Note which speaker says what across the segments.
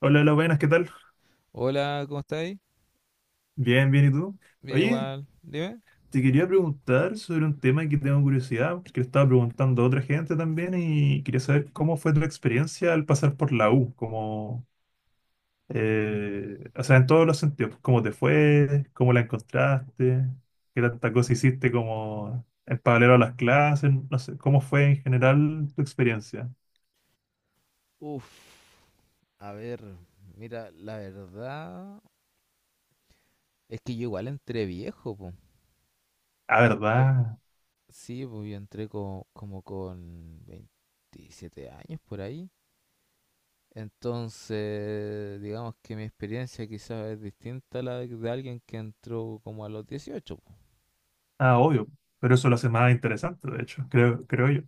Speaker 1: Hola, hola, buenas, ¿qué tal?
Speaker 2: Hola, ¿cómo estáis?
Speaker 1: Bien, bien, ¿y tú?
Speaker 2: Bien
Speaker 1: Oye,
Speaker 2: igual, dime.
Speaker 1: te quería preguntar sobre un tema que tengo curiosidad, porque le estaba preguntando a otra gente también y quería saber cómo fue tu experiencia al pasar por la U, como, o sea, en todos los sentidos, cómo te fue, cómo la encontraste, qué tanta cosa hiciste como en paralelo a las clases, no sé, cómo fue en general tu experiencia.
Speaker 2: Uf, a ver, mira, la verdad es que yo igual entré viejo, pues.
Speaker 1: Ah,
Speaker 2: Ya.
Speaker 1: ¿verdad?
Speaker 2: Sí, pues yo entré como con 27 años por ahí. Entonces, digamos que mi experiencia quizás es distinta a la de alguien que entró como a los 18, po.
Speaker 1: Ah, obvio, pero eso lo hace más interesante, de hecho, creo yo.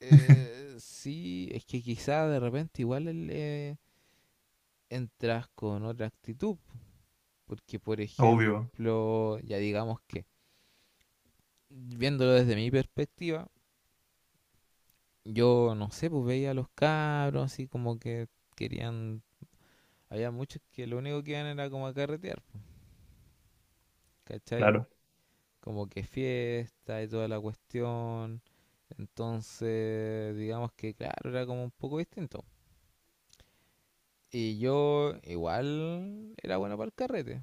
Speaker 2: Sí, es que quizás de repente igual entras con otra actitud. Porque, por
Speaker 1: Obvio,
Speaker 2: ejemplo, ya digamos que viéndolo desde mi perspectiva, yo no sé, pues veía a los cabros así como que querían, había muchos que lo único que iban era como a carretear, ¿cachai?
Speaker 1: claro.
Speaker 2: Como que fiesta y toda la cuestión. Entonces, digamos que claro, era como un poco distinto. Y yo igual era bueno para el carrete,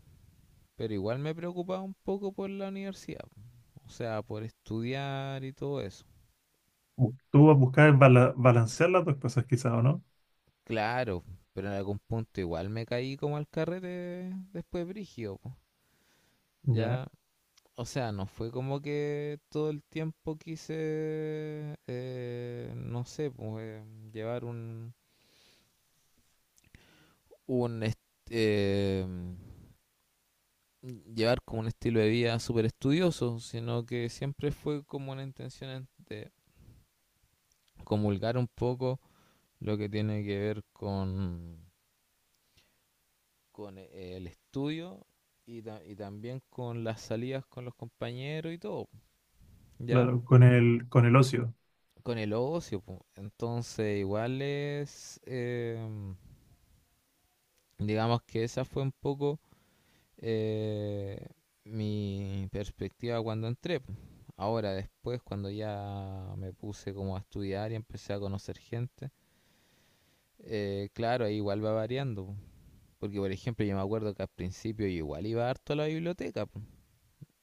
Speaker 2: pero igual me preocupaba un poco por la universidad, o sea, por estudiar y todo eso.
Speaker 1: Tú vas a buscar balancear las dos cosas quizás, ¿o no?
Speaker 2: Claro, pero en algún punto igual me caí como al carrete después brígido, po.
Speaker 1: Ya,
Speaker 2: Ya, o sea, no fue como que todo el tiempo quise, no sé, pues, llevar un, un est- eh, llevar como un estilo de vida súper estudioso, sino que siempre fue como una intención de comulgar un poco lo que tiene que ver con el estudio y, y también con las salidas con los compañeros y todo, ¿ya?
Speaker 1: claro, con el ocio.
Speaker 2: Con el ocio, po. Entonces, igual es, digamos que esa fue un poco eh, mi perspectiva cuando entré, po. Ahora, después, cuando ya me puse como a estudiar y empecé a conocer gente, claro, ahí igual va variando, po. Porque, por ejemplo, yo me acuerdo que al principio yo igual iba harto a la biblioteca, po.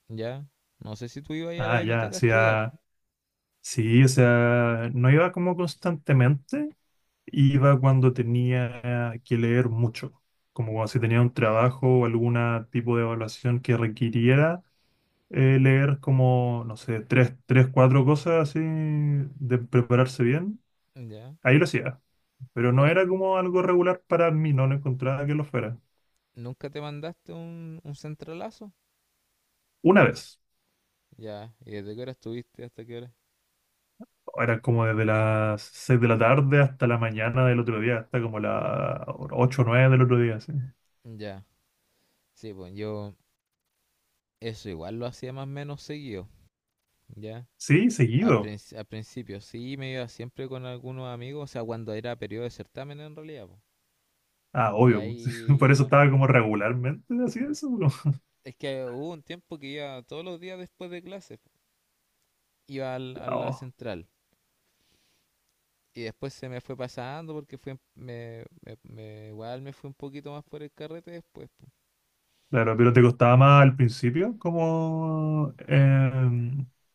Speaker 2: Ya. No sé si tú ibas ahí a la
Speaker 1: Ah, ya, o
Speaker 2: biblioteca a estudiar.
Speaker 1: sea, sí, o sea, no iba como constantemente, iba cuando tenía que leer mucho, como cuando si tenía un trabajo o algún tipo de evaluación que requiriera leer como, no sé, tres, tres, cuatro cosas así, de prepararse bien,
Speaker 2: Ya.
Speaker 1: ahí lo hacía, pero no
Speaker 2: Pues,
Speaker 1: era como algo regular para mí, no lo encontraba que lo fuera.
Speaker 2: ¿nunca te mandaste un centralazo?
Speaker 1: Una vez.
Speaker 2: Ya. ¿Y desde qué hora estuviste hasta qué hora?
Speaker 1: Eran como desde las 6 de la tarde hasta la mañana del otro día, hasta como las ocho o 9 del otro día, sí.
Speaker 2: Ya. Sí, pues yo eso igual lo hacía más o menos seguido. Ya.
Speaker 1: Sí,
Speaker 2: Al,
Speaker 1: seguido.
Speaker 2: princ- al principio sí me iba siempre con algunos amigos, o sea, cuando era periodo de certamen en realidad, po.
Speaker 1: Ah,
Speaker 2: Y
Speaker 1: obvio, pues. Por
Speaker 2: ahí...
Speaker 1: eso
Speaker 2: no.
Speaker 1: estaba como regularmente así eso.
Speaker 2: Es que hubo un tiempo que iba todos los días después de clases, po. Iba a la
Speaker 1: Oh.
Speaker 2: central. Y después se me fue pasando porque fue, me- me- igual me fui un poquito más por el carrete después, po.
Speaker 1: Claro, pero te costaba más al principio, como,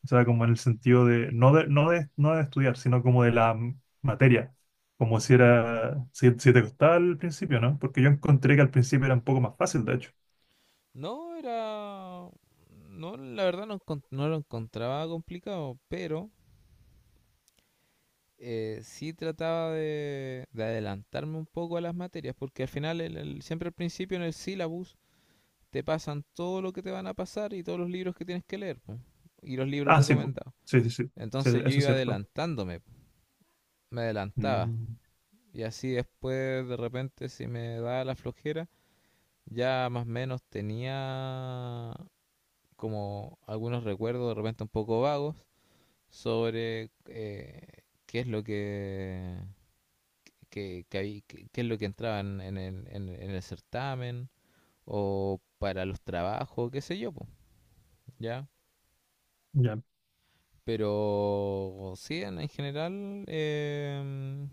Speaker 1: o sea, como en el sentido de, no de estudiar, sino como de la materia. Como si era, si te costaba al principio, ¿no? Porque yo encontré que al principio era un poco más fácil, de hecho.
Speaker 2: No, era... No, la verdad no, no lo encontraba complicado, pero sí trataba de adelantarme un poco a las materias, porque al final, siempre al principio en el syllabus te pasan todo lo que te van a pasar y todos los libros que tienes que leer, po, y los libros
Speaker 1: Ah, sí, pues.
Speaker 2: recomendados.
Speaker 1: Sí, sí, sí. Sí,
Speaker 2: Entonces yo
Speaker 1: eso es
Speaker 2: iba
Speaker 1: cierto.
Speaker 2: adelantándome, po, me adelantaba.
Speaker 1: Mm,
Speaker 2: Y así después de repente si me daba la flojera, ya más o menos tenía como algunos recuerdos de repente un poco vagos sobre qué es lo que, qué es lo que entraba en el certamen o para los trabajos, qué sé yo, po, ¿ya?
Speaker 1: ya.
Speaker 2: Pero sí, en general,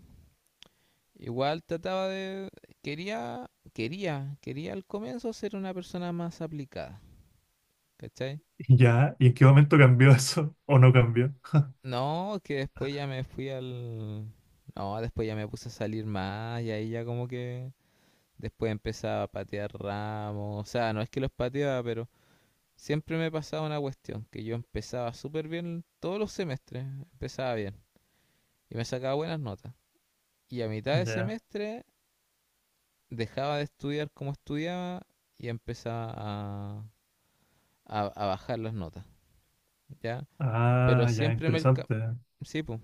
Speaker 2: igual trataba de... quería al comienzo ser una persona más aplicada, ¿cachai?
Speaker 1: ¿Ya? ¿Y en qué momento cambió eso? ¿O no cambió?
Speaker 2: No, que después ya me fui al... No, después ya me puse a salir más y ahí ya como que después empezaba a patear ramos. O sea, no es que los pateaba, pero siempre me pasaba una cuestión, que yo empezaba súper bien todos los semestres, empezaba bien y me sacaba buenas notas. Y a mitad de
Speaker 1: Ya.
Speaker 2: semestre dejaba de estudiar como estudiaba y empezaba a, a bajar las notas, ¿ya? Pero
Speaker 1: Ah, ya,
Speaker 2: siempre me... alca-
Speaker 1: interesante.
Speaker 2: Sí, po,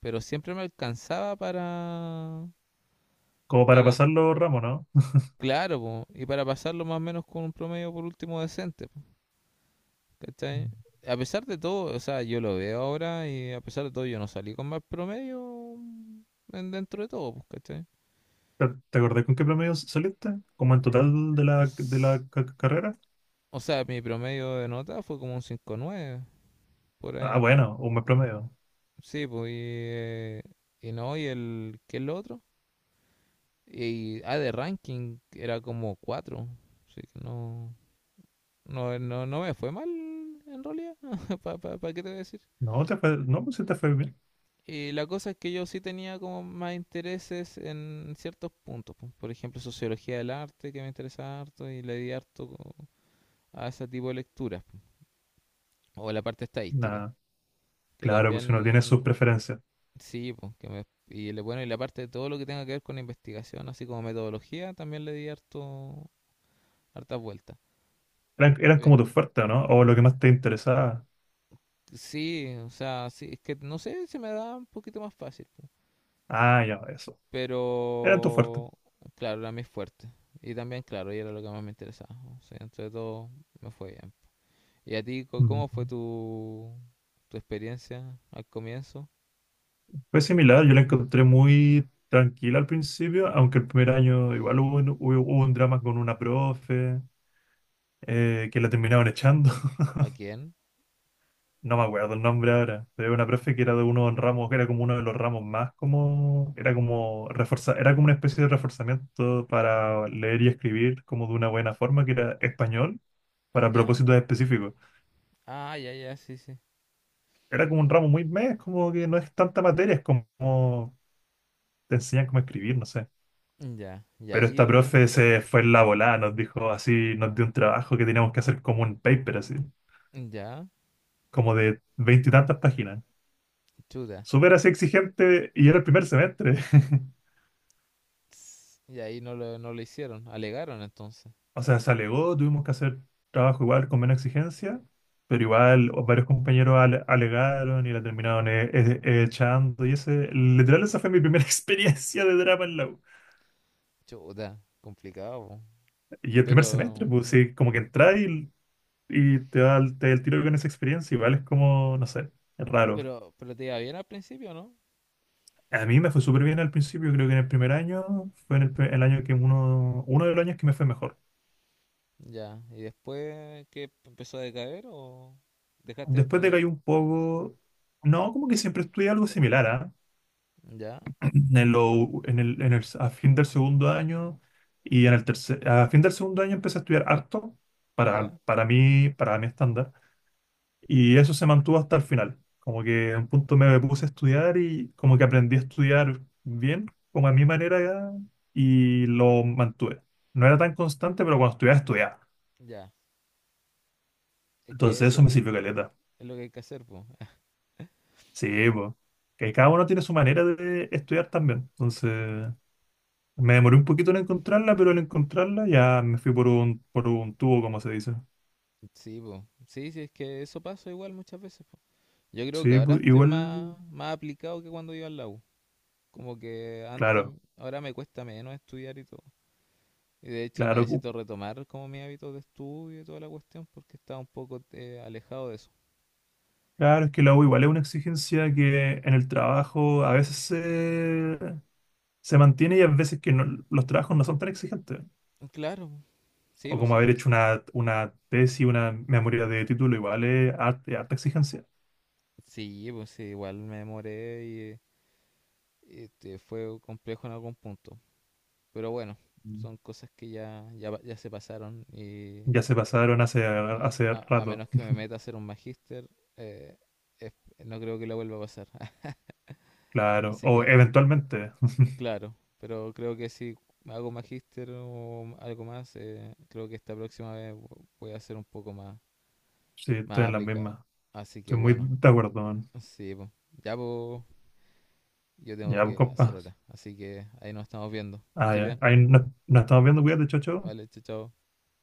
Speaker 2: pero siempre me alcanzaba para...
Speaker 1: Como para pasarlo, ramo, ¿no?
Speaker 2: Claro, po, y para pasarlo más o menos con un promedio por último decente, po, ¿cachai?
Speaker 1: Mm.
Speaker 2: A pesar de todo, o sea, yo lo veo ahora y a pesar de todo yo no salí con más promedio dentro de todo, pues, ¿cachai?
Speaker 1: ¿Te acordás con qué promedio saliste? ¿Como en total de la, de
Speaker 2: S-
Speaker 1: la carrera?
Speaker 2: O sea, mi promedio de nota fue como un 5,9 por
Speaker 1: Ah,
Speaker 2: ahí.
Speaker 1: bueno, un buen promedio.
Speaker 2: Sí, pues, y no, y el, ¿qué es lo otro? Y, ah, de ranking era como 4. Así que no, no me fue mal en realidad, ¿para qué te voy a decir?
Speaker 1: No, te fue, no, pues sí te fue bien.
Speaker 2: Y la cosa es que yo sí tenía como más intereses en ciertos puntos, po. Por ejemplo, sociología del arte, que me interesaba harto, y le di harto a ese tipo de lecturas, po. O la parte estadística,
Speaker 1: Nada.
Speaker 2: que
Speaker 1: Claro, pues si uno tiene
Speaker 2: también,
Speaker 1: sus preferencias.
Speaker 2: sí, po, que me, y le- bueno, y la parte de todo lo que tenga que ver con investigación, así como metodología, también le di harto, hartas vueltas.
Speaker 1: Eran
Speaker 2: Pe-
Speaker 1: como tus fuertes, ¿no? O lo que más te interesaba.
Speaker 2: Sí, o sea, sí, es que no sé, se me da un poquito más fácil.
Speaker 1: Ah, ya, eso. Eran tus fuertes.
Speaker 2: Pero, claro, era mi fuerte. Y también, claro, y era lo que más me interesaba. O sea, entre todo, me fue bien. ¿Y a ti,
Speaker 1: Mm.
Speaker 2: cómo fue tu, experiencia al comienzo?
Speaker 1: Fue similar, yo la encontré muy tranquila al principio, aunque el primer año igual hubo un drama con una profe que la terminaron echando.
Speaker 2: ¿A quién?
Speaker 1: No me acuerdo el nombre ahora, pero era una profe que era de uno de los ramos, que era como uno de los ramos más como, era como reforza, era como una especie de reforzamiento para leer y escribir como de una buena forma, que era español para
Speaker 2: Ya.
Speaker 1: propósitos específicos.
Speaker 2: Ah, ya, ya, sí, sí.
Speaker 1: Era como un ramo muy mes, como que no es tanta materia, es como te enseñan cómo escribir, no sé.
Speaker 2: Ya. Y
Speaker 1: Pero
Speaker 2: ahí
Speaker 1: esta profe
Speaker 2: un...
Speaker 1: se fue en la volada, nos dijo así, nos dio un trabajo que teníamos que hacer como un paper así,
Speaker 2: Ya.
Speaker 1: como de veinte y tantas páginas.
Speaker 2: Chuta.
Speaker 1: Súper así exigente y era el primer semestre.
Speaker 2: Y ahí no lo, hicieron. Alegaron entonces.
Speaker 1: O sea, se alegó, tuvimos que hacer trabajo igual con menos exigencia, pero igual varios compañeros alegaron y la terminaron echando. Y ese, literal, esa fue mi primera experiencia de drama en la U.
Speaker 2: Chuta. Complicado, po.
Speaker 1: Y el primer semestre,
Speaker 2: Pero,
Speaker 1: pues sí, como que entras y te da el tiro con esa experiencia, igual es como, no sé, es raro.
Speaker 2: pero te iba bien al principio, ¿no?
Speaker 1: A mí me fue súper bien al principio, creo que en el primer año fue en el año que uno de los años que me fue mejor.
Speaker 2: Ya, ¿y después qué empezó a decaer o dejaste de
Speaker 1: Después de que hay
Speaker 2: estudiar?
Speaker 1: un poco, no, como que siempre estudié algo similar, ¿ah?
Speaker 2: Ya,
Speaker 1: En lo- en el- A fin del segundo año a fin del segundo año empecé a estudiar harto
Speaker 2: ya,
Speaker 1: para mí, para mi estándar. Y eso se mantuvo hasta el final. Como que en un punto me puse a estudiar y como que aprendí a estudiar bien, como a mi manera, y lo mantuve. No era tan constante, pero cuando estudiaba, estudiaba.
Speaker 2: ya. Es que
Speaker 1: Entonces eso me
Speaker 2: eso
Speaker 1: sirvió caleta.
Speaker 2: es lo que hay que hacer, pues.
Speaker 1: Sí, pues. Que cada uno tiene su manera de estudiar también. Entonces me demoré un poquito en encontrarla, pero al encontrarla ya me fui por un tubo, como se dice.
Speaker 2: Sí, pues. Sí, sí, es que eso pasa igual muchas veces, po. Yo creo que
Speaker 1: Sí,
Speaker 2: ahora
Speaker 1: pues,
Speaker 2: estoy
Speaker 1: igual,
Speaker 2: más aplicado que cuando iba al la U. Como que antes,
Speaker 1: claro,
Speaker 2: ahora me cuesta menos estudiar y todo. Y de hecho
Speaker 1: claro.
Speaker 2: necesito retomar como mi hábito de estudio y toda la cuestión porque estaba un poco alejado de eso.
Speaker 1: Claro, es que la U igual es una exigencia que en el trabajo a veces se mantiene y a veces que los trabajos no son tan exigentes.
Speaker 2: Claro, sí,
Speaker 1: O
Speaker 2: pues
Speaker 1: como
Speaker 2: sí,
Speaker 1: haber hecho
Speaker 2: pues,
Speaker 1: una tesis, una memoria de título, igual es harta exigencia.
Speaker 2: sí, pues, sí, igual me demoré y... este, fue complejo en algún punto. Pero bueno,
Speaker 1: Mm.
Speaker 2: son cosas que ya, ya, ya se pasaron y
Speaker 1: Ya se pasaron
Speaker 2: a,
Speaker 1: hace
Speaker 2: a- a
Speaker 1: rato,
Speaker 2: menos que me meta a hacer un magíster, eh, es- no creo que lo vuelva a pasar.
Speaker 1: claro.
Speaker 2: Así
Speaker 1: O
Speaker 2: que,
Speaker 1: eventualmente,
Speaker 2: claro, pero creo que si hago magíster o algo más, creo que esta próxima vez voy a ser un poco más,
Speaker 1: sí, estoy en las
Speaker 2: aplicado.
Speaker 1: mismas.
Speaker 2: Así que
Speaker 1: Estoy muy
Speaker 2: bueno,
Speaker 1: de acuerdo, man.
Speaker 2: sí, po. Ya po, yo tengo
Speaker 1: Ya, pues,
Speaker 2: que hacer
Speaker 1: compa.
Speaker 2: ahora. Así que ahí nos estamos viendo. Que
Speaker 1: Ah,
Speaker 2: estés
Speaker 1: ya.
Speaker 2: bien.
Speaker 1: Ahí nos estamos viendo, cuídate, chao, chao.
Speaker 2: Vale, chao, chao.